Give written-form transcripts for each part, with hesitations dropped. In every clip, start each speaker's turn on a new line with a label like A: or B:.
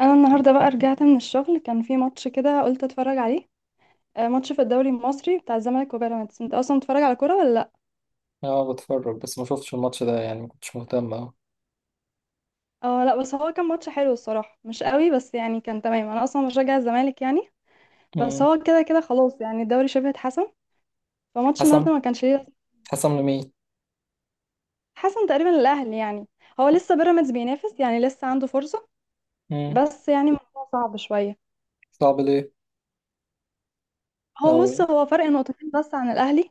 A: انا النهارده بقى رجعت من الشغل، كان في ماتش كده قلت اتفرج عليه. آه، ماتش في الدوري المصري بتاع الزمالك وبيراميدز. انت اصلا بتتفرج على كوره ولا لا؟
B: اه، بتفرج بس ما شفتش الماتش ده، يعني ما كنتش مهتم أوي.
A: اه لا، بس هو كان ماتش حلو الصراحه، مش قوي بس يعني كان تمام. انا اصلا بشجع الزمالك يعني. بس
B: مم.
A: هو كده كده خلاص يعني، الدوري شبه اتحسم، فماتش
B: حسم.
A: النهارده ما كانش ليه.
B: حسم لمين؟
A: حسم تقريبا الاهلي يعني. هو لسه بيراميدز بينافس، يعني لسه عنده فرصه،
B: مم.
A: بس يعني الموضوع صعب شويه.
B: صعب ليه؟
A: هو بص،
B: أوي.
A: هو فرق نقطتين بس عن الاهلي،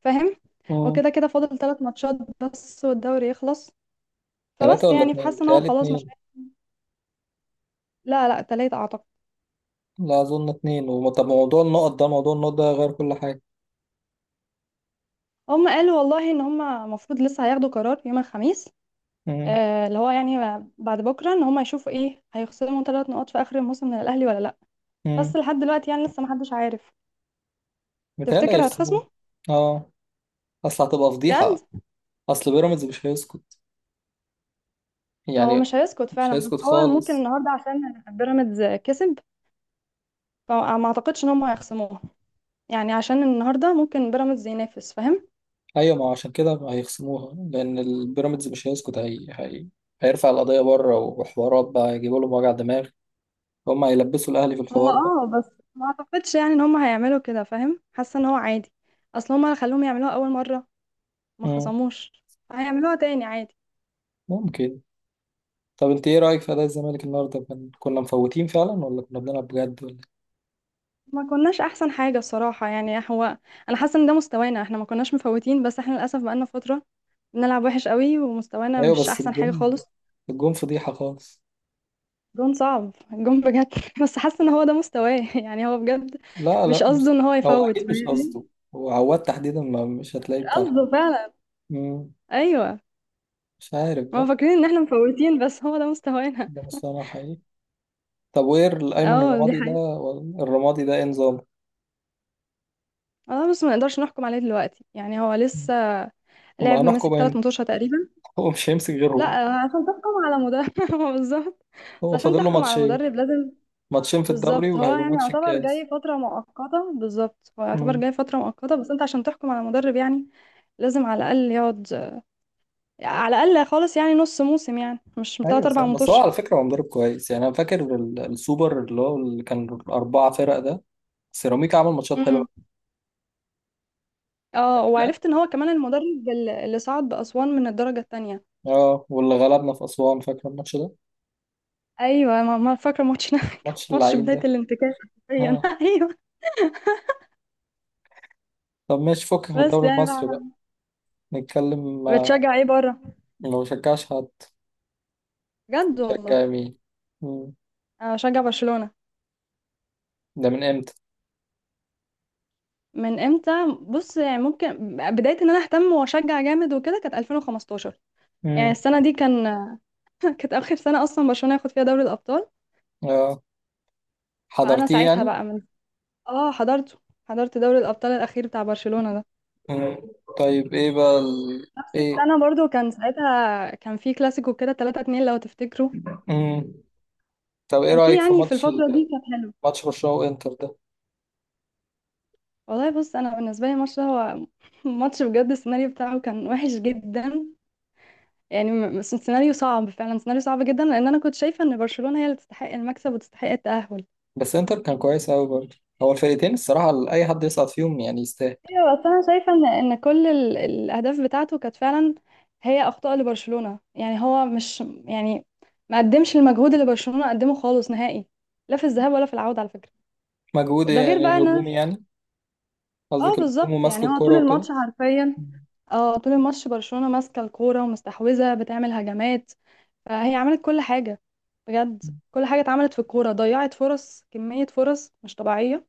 A: فاهم؟
B: مم.
A: وكده كده فاضل ثلاث ماتشات بس والدوري يخلص.
B: تلاتة
A: فبس
B: ولا
A: يعني،
B: اتنين؟
A: فحاسه ان هو
B: بيتهيألي
A: خلاص مش
B: اتنين.
A: عارف-. لا لا تلاتة اعتقد.
B: لا أظن اتنين طب موضوع النقط ده غير كل حاجة.
A: هم قالوا والله ان هم المفروض لسه هياخدوا قرار يوم الخميس.
B: مم.
A: آه اللي هو يعني بعد بكره ان هم يشوفوا ايه، هيخصموا ثلاث نقط في اخر الموسم من الاهلي ولا لا. بس
B: مم.
A: لحد دلوقتي يعني لسه محدش عارف.
B: بيتهيألي
A: تفتكر
B: هيخسروه.
A: هتخصموا؟
B: اه. أصل هتبقى
A: بجد؟
B: فضيحة. أصل بيراميدز مش هيسكت،
A: هو
B: يعني.
A: مش هيسكت
B: مش
A: فعلا، بس
B: هيسكت
A: هو ممكن
B: خالص.
A: النهارده عشان بيراميدز كسب، فما اعتقدش ان هم هيخصموها. يعني عشان النهارده ممكن بيراميدز ينافس، فاهم؟
B: أيوة، ما هو عشان كده هيخصموها لأن البيراميدز مش هيسكت. هيرفع القضية بره وحوارات بقى يجيبوا لهم وجع دماغ. هم هيلبسوا الأهلي في
A: هو
B: الحوار.
A: اه بس ما اعتقدش يعني ان هم هيعملوا كده، فاهم؟ حاسه ان هو عادي. اصل هم اللي خلوهم يعملوها اول مره، ما
B: مم.
A: خصموش. هيعملوها تاني عادي.
B: ممكن. طب انت ايه رأيك في أداء الزمالك النهارده؟ كنا مفوتين فعلا ولا كنا بنلعب بجد ولا
A: ما كناش احسن حاجه بصراحه. يعني هو، انا حاسه ان ده مستوانا، احنا ما كناش مفوتين، بس احنا للاسف بقالنا فتره بنلعب وحش قوي، ومستوانا
B: إيه؟ ايوه
A: مش
B: بس
A: احسن حاجه
B: الجون،
A: خالص.
B: الجون فضيحة خالص.
A: جون صعب، جون بجد بس حاسه ان هو ده مستواه. يعني هو بجد
B: لا لا،
A: مش قصده
B: مش
A: ان هو
B: هو
A: يفوت،
B: اكيد مش
A: فاهمني؟
B: قصده. هو عواد تحديدا ما مش
A: مش
B: هتلاقيه بتاع الحرب.
A: قصده فعلا.
B: مم.
A: ايوه.
B: مش عارف
A: هما
B: بقى.
A: فاكرين ان احنا مفوتين بس هو ده مستوانا.
B: ده مش انا حقيقي. طب وايه ايمن
A: اه دي
B: الرمادي ده؟
A: حقيقة.
B: الرمادي ده ايه نظام؟
A: اه بس ما نقدرش نحكم عليه دلوقتي، يعني هو لسه
B: امال
A: لعب
B: هنحكم
A: ماسك ثلاث
B: امتى؟
A: متوشة تقريبا.
B: هو مش هيمسك
A: لا
B: غيرهم.
A: آه، عشان تحكم على مدرب هو بالظبط. بس
B: هو
A: عشان
B: فاضل له
A: تحكم على
B: ماتشين
A: مدرب لازم.
B: ماتشين في الدوري،
A: بالظبط، هو
B: وهيبقى
A: يعني
B: ماتش
A: يعتبر جاي
B: الكاس.
A: فترة مؤقتة. بالظبط، هو يعتبر
B: مم.
A: جاي فترة مؤقتة، بس انت عشان تحكم على مدرب يعني لازم على الأقل يقعد. على الأقل خالص يعني نص موسم، يعني مش تلات
B: ايوه صح.
A: أربع
B: بس هو
A: متوشة.
B: على فكره هو مدرب كويس، يعني انا فاكر السوبر اللي هو اللي كان اربعه فرق ده. سيراميكا عمل ماتشات حلوه.
A: امم. اه،
B: فاكرها.
A: وعرفت ان هو كمان المدرب اللي صعد بأسوان من الدرجة التانية.
B: اه، واللي غلبنا في اسوان، فاكر الماتش ده.
A: ايوه ما فاكرة ماتش كان
B: الماتش
A: ماتش
B: اللعين
A: بداية
B: ده.
A: الانتكاسة. حرفياً.
B: اه.
A: ايوه.
B: طب ماشي، فكك من
A: بس
B: الدوري
A: يعني
B: المصري بقى.
A: بقى-.
B: نتكلم.
A: بتشجع ايه بره؟
B: ما بشجعش حد.
A: بجد والله،
B: بشجع مين؟ مم.
A: انا بشجع برشلونة.
B: ده من امتى؟
A: من امتى؟ بص يعني، ممكن بداية ان انا اهتم واشجع جامد وكده كانت 2015. يعني
B: مم.
A: السنة دي كان كانت اخر سنة اصلا برشلونة ياخد فيها دوري الابطال.
B: اه،
A: فانا
B: حضرتيه
A: ساعتها
B: يعني.
A: بقى من، اه حضرته، حضرت دوري الابطال الاخير بتاع برشلونة ده.
B: مم. طيب ايه بقى
A: نفس
B: ايه.
A: السنة برضو كان ساعتها، كان في كلاسيكو كده 3 2 لو تفتكروا.
B: مم. طب ايه
A: كان في
B: رايك في
A: يعني في
B: ماتش
A: الفترة دي كانت حلوة.
B: ماتش برشلونه وانتر ده؟
A: والله بص، انا بالنسبة لي الماتش ده هو ماتش بجد السيناريو بتاعه كان وحش جدا. يعني سيناريو صعب فعلا، سيناريو صعب جدا، لان انا كنت شايفه ان برشلونه هي اللي تستحق المكسب وتستحق التاهل.
B: بس انتر كان كويس قوي برضه. هو الفرقتين الصراحة أي حد يصعد فيهم يعني يستاهل.
A: ايوه بس انا شايفه ان كل الاهداف بتاعته كانت فعلا هي اخطاء لبرشلونه. يعني هو مش يعني ما قدمش المجهود اللي برشلونه قدمه خالص نهائي، لا في الذهاب ولا في العوده على فكره.
B: مجهود
A: ده غير
B: يعني
A: بقى ان
B: هجومي
A: أنا-.
B: يعني؟ قصدك
A: اه
B: الهجوم
A: بالظبط،
B: وماسك
A: يعني هو طول
B: الكرة وكده.
A: الماتش حرفيا، اه طول الماتش برشلونه ماسكه الكوره ومستحوذه بتعمل هجمات. فهي عملت كل حاجة بجد، كل حاجة اتعملت في الكورة، ضيعت فرص، كمية فرص مش طبيعية.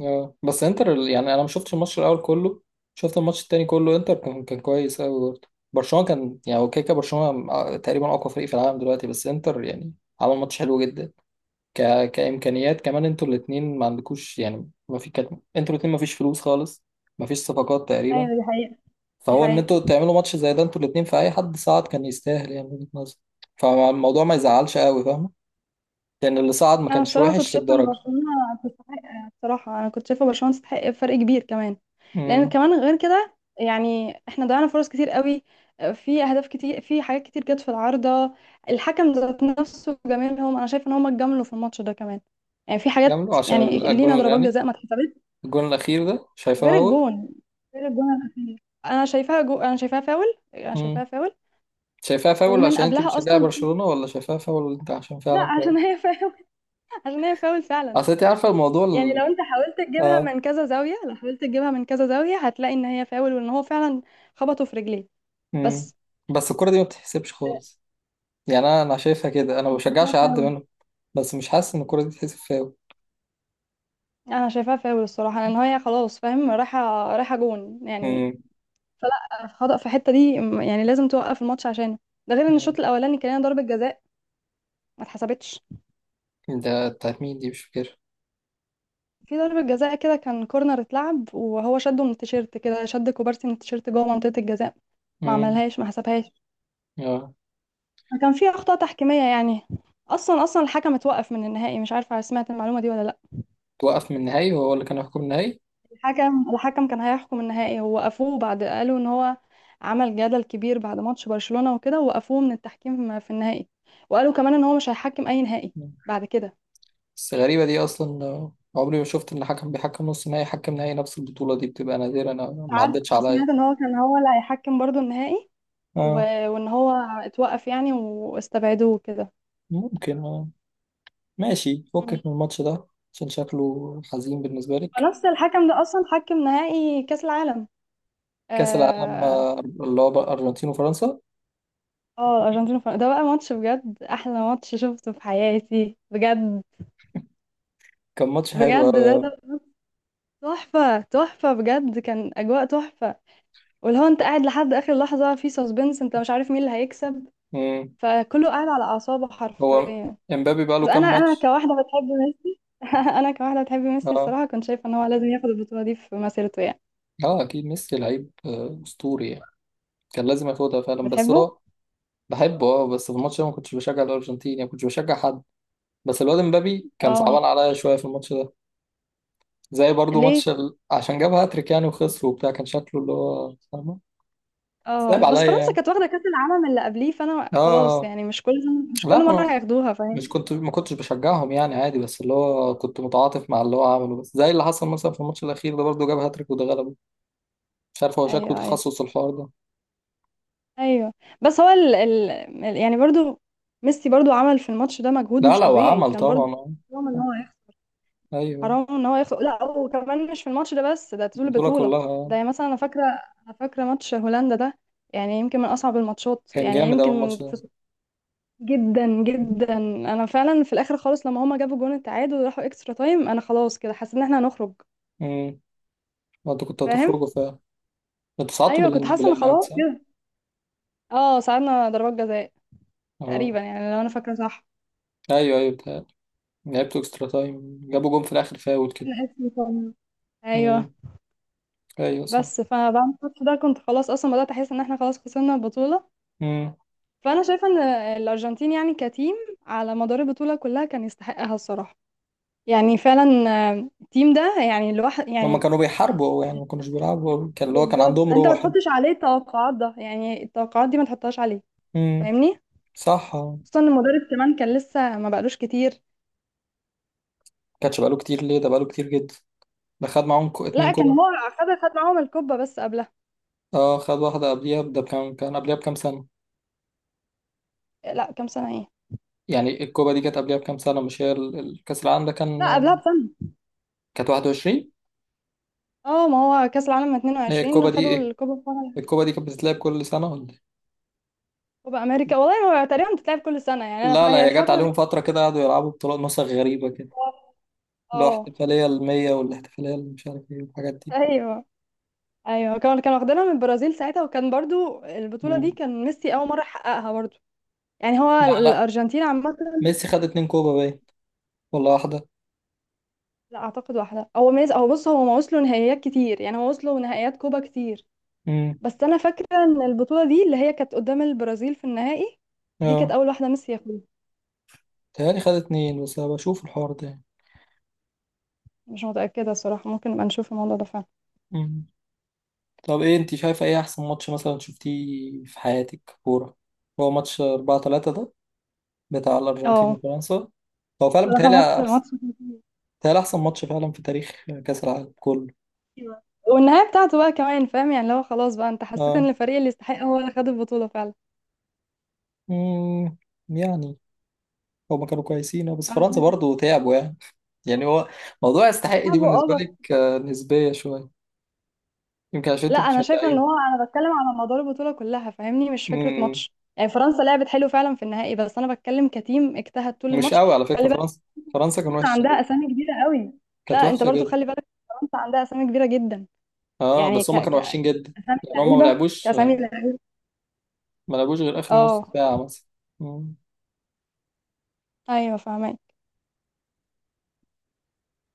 B: اه، بس انتر يعني انا ما شفتش الماتش الاول كله. شفت الماتش التاني كله. انتر كان كويس قوي برضه. برشلونة كان يعني هو كده كده برشلونة تقريبا اقوى فريق في العالم دلوقتي. بس انتر يعني عمل ماتش حلو جدا. كامكانيات كمان انتوا الاثنين ما عندكوش، يعني ما في كانت. انتوا الاثنين ما فيش فلوس خالص، ما فيش صفقات تقريبا.
A: ايوه دي حقيقة. دي
B: فهو ان
A: حقيقة.
B: انتوا تعملوا ماتش زي ده، انتوا الاتنين، في اي حد صعد كان يستاهل يعني من وجهة نظري. فالموضوع ما يزعلش قوي، فاهم، لان اللي صعد ما
A: أنا
B: كانش
A: بصراحة كنت
B: وحش
A: شايفة إن
B: للدرجة.
A: برشلونة تستحق. بصراحة أنا كنت شايفة برشلونة تستحق بفرق كبير كمان. لأن
B: امم.
A: كمان غير كده، يعني احنا ضيعنا فرص كتير قوي، في أهداف كتير، في حاجات كتير جت في العارضة. الحكم ذات نفسه جمالهم، أنا شايفة إن هم اتجاملوا في الماتش ده كمان. يعني في حاجات
B: كملوا عشان
A: يعني لينا
B: الجون
A: ضربات
B: يعني،
A: جزاء ما اتحسبتش.
B: الجون الاخير ده شايفاه
A: غير
B: فاول؟
A: الجون، غير الجون الاخير. انا شايفاها جو...، انا شايفاها فاول. انا
B: امم.
A: شايفاها فاول.
B: شايفاها فاول
A: ومن
B: عشان انت
A: قبلها
B: بتشجعي
A: اصلا.
B: برشلونة، ولا شايفاها فاول انت عشان
A: لا
B: فعلا فاول؟
A: عشان هي فاول. عشان هي فاول فعلا.
B: اصل انت عارفة الموضوع
A: يعني لو انت حاولت تجيبها
B: اه.
A: من كذا زاويه، لو حاولت تجيبها من كذا زاويه هتلاقي ان هي فاول، وان هو فعلا خبطه في رجليه.
B: امم.
A: بس
B: بس الكرة دي ما بتتحسبش خالص، يعني انا شايفها كده، انا ما
A: أنا شايفاها
B: بشجعش حد
A: فاول.
B: منهم. بس مش حاسس ان الكرة دي تتحسب فاول.
A: انا شايفاها فاول الصراحه لان هي خلاص فاهم، رايحه رايحه جون يعني،
B: امم.
A: فلا خطأ في الحته دي يعني لازم توقف الماتش عشانه. ده غير ان
B: أمم.
A: الشوط الاولاني كان لنا ضربه جزاء ما اتحسبتش.
B: ده بتاعت مين دي؟ مش
A: في ضربة جزاء كده، كان كورنر اتلعب وهو شده من التيشيرت كده، شد كوبارسي من التيشيرت جوه منطقة الجزاء، ما
B: فاكر.
A: عملهاش ما حسبهاش.
B: اه.
A: كان في أخطاء تحكيمية يعني. أصلا أصلا الحكم اتوقف من النهائي، مش عارفة سمعت المعلومة دي ولا لأ.
B: توقف من النهائي، وهو اللي كان يحكم النهائي.
A: الحكم كان هيحكم النهائي ووقفوه بعد، قالوا إن هو عمل جدل كبير بعد ماتش برشلونة وكده، ووقفوه من التحكيم في النهائي. وقالوا كمان إن هو مش هيحكم أي نهائي بعد كده.
B: بس غريبة دي أصلا، عمري ما شفت إن حكم بيحكم نص نهائي حكم نهائي نفس البطولة. دي بتبقى نادرة، أنا
A: مش
B: ما
A: عارف،
B: عدتش
A: أنا
B: عليا.
A: سمعت إن هو كان هو اللي هيحكم برضو النهائي. و...،
B: اه.
A: وإن هو اتوقف يعني واستبعدوه كده.
B: ممكن، اه. ماشي،
A: مم.
B: فكك من الماتش ده عشان شكله حزين بالنسبة لك.
A: ونفس الحكم ده اصلا حكم نهائي كاس العالم.
B: كأس العالم
A: اه.
B: اللي هو بقى أرجنتين وفرنسا.
A: آه، الارجنتين وفرنسا ده بقى ماتش بجد، احلى ماتش شفته في حياتي بجد.
B: كان ماتش حلو
A: بجد
B: أوي
A: ده تحفه تحفه بجد، كان اجواء تحفه، واللي هو انت قاعد لحد اخر لحظه في سسبنس، انت مش عارف مين اللي هيكسب،
B: مم.
A: فكله قاعد على اعصابه
B: هو
A: حرفيا.
B: امبابي بقى له
A: بس انا
B: كام
A: انا
B: ماتش؟
A: كواحده بتحب ميسي انا كواحده بتحب ميسي
B: اه.
A: الصراحه، كنت شايفه ان هو لازم ياخد البطوله دي في مسيرته يعني.
B: اه، أكيد ميسي لعيب أسطوري يعني. كان لازم ياخدها فعلا، بس
A: بتحبه؟
B: هو. بحبه اه، بس في الماتش ده ما كنتش بشجع الارجنتين، يعني ما كنتش بشجع حد. بس الواد امبابي كان
A: اه.
B: صعبان عليا شويه في الماتش ده. زي برضو ماتش
A: ليه؟
B: عشان جاب هاتريك يعني وخسر وبتاع، كان شكله اللي هو فاهمه. صعب
A: اه بس
B: عليا
A: فرنسا
B: يعني.
A: كانت واخدة كأس العالم اللي قبليه، فانا
B: اه.
A: خلاص
B: آه.
A: يعني مش كل، مش
B: لا،
A: كل مرة هياخدوها، فاهم؟
B: ما كنتش بشجعهم يعني عادي، بس اللي هو كنت متعاطف مع اللي هو عمله. بس زي اللي حصل مثلا في الماتش الاخير ده برضو جاب هاتريك وده غلبه. مش عارف، هو شكله
A: ايوه ايوه
B: تخصص الحوار ده.
A: ايوه. بس هو ال... ال... يعني برضو ميسي برضو عمل في الماتش ده مجهود
B: لا
A: مش
B: لا،
A: طبيعي
B: وعمل
A: كان برضو.
B: طبعا
A: حرام ان هو يخسر.
B: ايوه.
A: حرام ان هو يخسر، لا وكمان مش في الماتش ده بس، ده طول
B: البطوله
A: البطولة.
B: كلها
A: ده يعني مثلا انا فاكرة، انا فاكرة ماتش هولندا ده، يعني يمكن من اصعب الماتشات،
B: كان
A: يعني
B: جامد اول
A: يمكن
B: ماتش ده.
A: في.... جدا جدا، انا فعلا في الاخر خالص لما هما جابوا جون التعادل وراحوا اكسترا تايم، انا خلاص كده حسيت ان احنا هنخرج،
B: امم. انتوا كنتوا
A: فاهم؟
B: هتخرجوا. انت صعدتوا
A: ايوه كنت حاسه ان
B: بالاعلانات
A: خلاص
B: صح؟
A: كده. اه ساعدنا ضربات جزاء
B: اه.
A: تقريبا، يعني لو انا فاكره صح.
B: ايوه ايوه بتاع. لعبتوا اكسترا تايم، جابوا جون في الاخر فاول كده.
A: الحس بتاعنا. ايوه.
B: امم. ايوه صح.
A: بس فبعد الماتش ده كنت خلاص اصلا بدات احس ان احنا خلاص خسرنا البطوله.
B: امم.
A: فانا شايفه ان الارجنتين يعني كتيم على مدار البطوله كلها كان يستحقها الصراحه، يعني فعلا. آه، التيم ده يعني، الواحد
B: هما
A: يعني،
B: كانوا بيحاربوا أوي يعني، ما كانوش بيلعبوا أوي. كان اللي هو كان
A: بالظبط.
B: عندهم
A: انت ما
B: روح يعني.
A: تحطش عليه التوقعات ده، يعني التوقعات دي ما تحطهاش عليه،
B: امم.
A: فاهمني؟
B: صح
A: خصوصا ان المدرب كمان كان لسه ما بقالوش كتير.
B: كانش بقاله كتير ليه؟ ده بقاله كتير جدا. ده خد معاهم اتنين
A: لا كان
B: كوبا.
A: هو خد معاهم الكوبا بس قبلها.
B: اه، خد واحدة قبليها. ده كان قبليها بكام سنة.
A: لا كام سنة ايه.
B: يعني الكوبا دي كانت قبليها بكام سنة، مش هي الكأس العالم ده كان.
A: لا قبلها بسنة.
B: كانت 21.
A: اه ما هو كأس العالم
B: هي الكوبا
A: 22 خدوا
B: دي،
A: الكوبا بتاع-.
B: الكوبا دي كانت بتتلعب كل سنة ولا إيه؟
A: كوبا أمريكا والله. هو تقريبا بتتلعب كل سنة يعني. أنا
B: لا لا،
A: فهي
B: هي جت
A: الفترة دي
B: عليهم
A: كانت،
B: فترة كده قعدوا يلعبوا بطولات نسخ غريبة كده. اللي هو
A: اه
B: احتفالية المية، والاحتفالية اللي مش عارف ايه والحاجات دي.
A: ايوه ايوه، كانوا واخدينها من البرازيل ساعتها، وكان برضو البطولة دي
B: مم.
A: كان ميسي أول مرة يحققها برضو. يعني هو
B: لا لا،
A: الأرجنتين عامة.
B: ميسي خد اتنين كوبا باين، ولا واحدة.
A: لا أعتقد واحدة، هو ميز، هو بص هو ما وصلوا نهائيات كتير، يعني هو وصلوا نهائيات كوبا كتير.
B: مم.
A: بس أنا فاكرة إن البطولة دي اللي هي كانت قدام البرازيل في النهائي، دي كانت
B: اه.
A: أول واحدة ميسي ياخدها.
B: تهيألي خد اتنين، بس أنا بشوف الحوار ده يعني.
A: مش متأكدة الصراحة، ممكن نبقى نشوف الموضوع ده فعلا.
B: مم. طب ايه، انت شايفة ايه أحسن ماتش مثلا شفتيه في حياتك كورة؟ هو ماتش 4-3 ده بتاع الأرجنتين
A: اه
B: وفرنسا. هو فعلا
A: بصراحة ماتش
B: بيتهيألي أحسن.
A: ماتش كبير.
B: بيتهيألي أحسن ماتش فعلا في تاريخ كأس العالم كله.
A: والنهاية بتاعته بقى كمان فاهم، يعني لو خلاص بقى انت حسيت ان
B: اه.
A: الفريق اللي يستحق هو اللي خد البطولة فعلا.
B: مم. يعني هما كانوا كويسين بس
A: انا
B: فرنسا
A: شايفة
B: برضو تعبوا يعني. يعني هو، موضوع يستحق دي
A: لعبه اه
B: بالنسبة
A: بس.
B: لك نسبية شوية. يمكن عشان
A: لا
B: انت
A: انا شايفة ان
B: بتشجعيهم.
A: هو، انا بتكلم على مدار البطولة كلها، فاهمني؟ مش فكرة
B: امم.
A: ماتش، يعني فرنسا لعبت حلو فعلا في النهائي، بس انا بتكلم كتيم اجتهد طول
B: مش
A: الماتش.
B: قوي على فكرة
A: خلي بالك،
B: فرنسا. فرنسا كانت
A: فرنسا
B: وحشة
A: عندها
B: جدا.
A: اسامي كبيرة قوي.
B: كانت
A: لا انت
B: وحشة
A: برضو
B: جدا.
A: خلي بالك، فرنسا عندها اسامي كبيرة جدا.
B: اه،
A: يعني
B: بس
A: ك
B: هما
A: ك
B: كانوا وحشين جدا.
A: اسامي
B: يعني هما
A: لعيبة كاسامي لعيبة.
B: ما لعبوش غير آخر نص
A: اه
B: ساعة مثلا. مم.
A: ايوه فاهمة.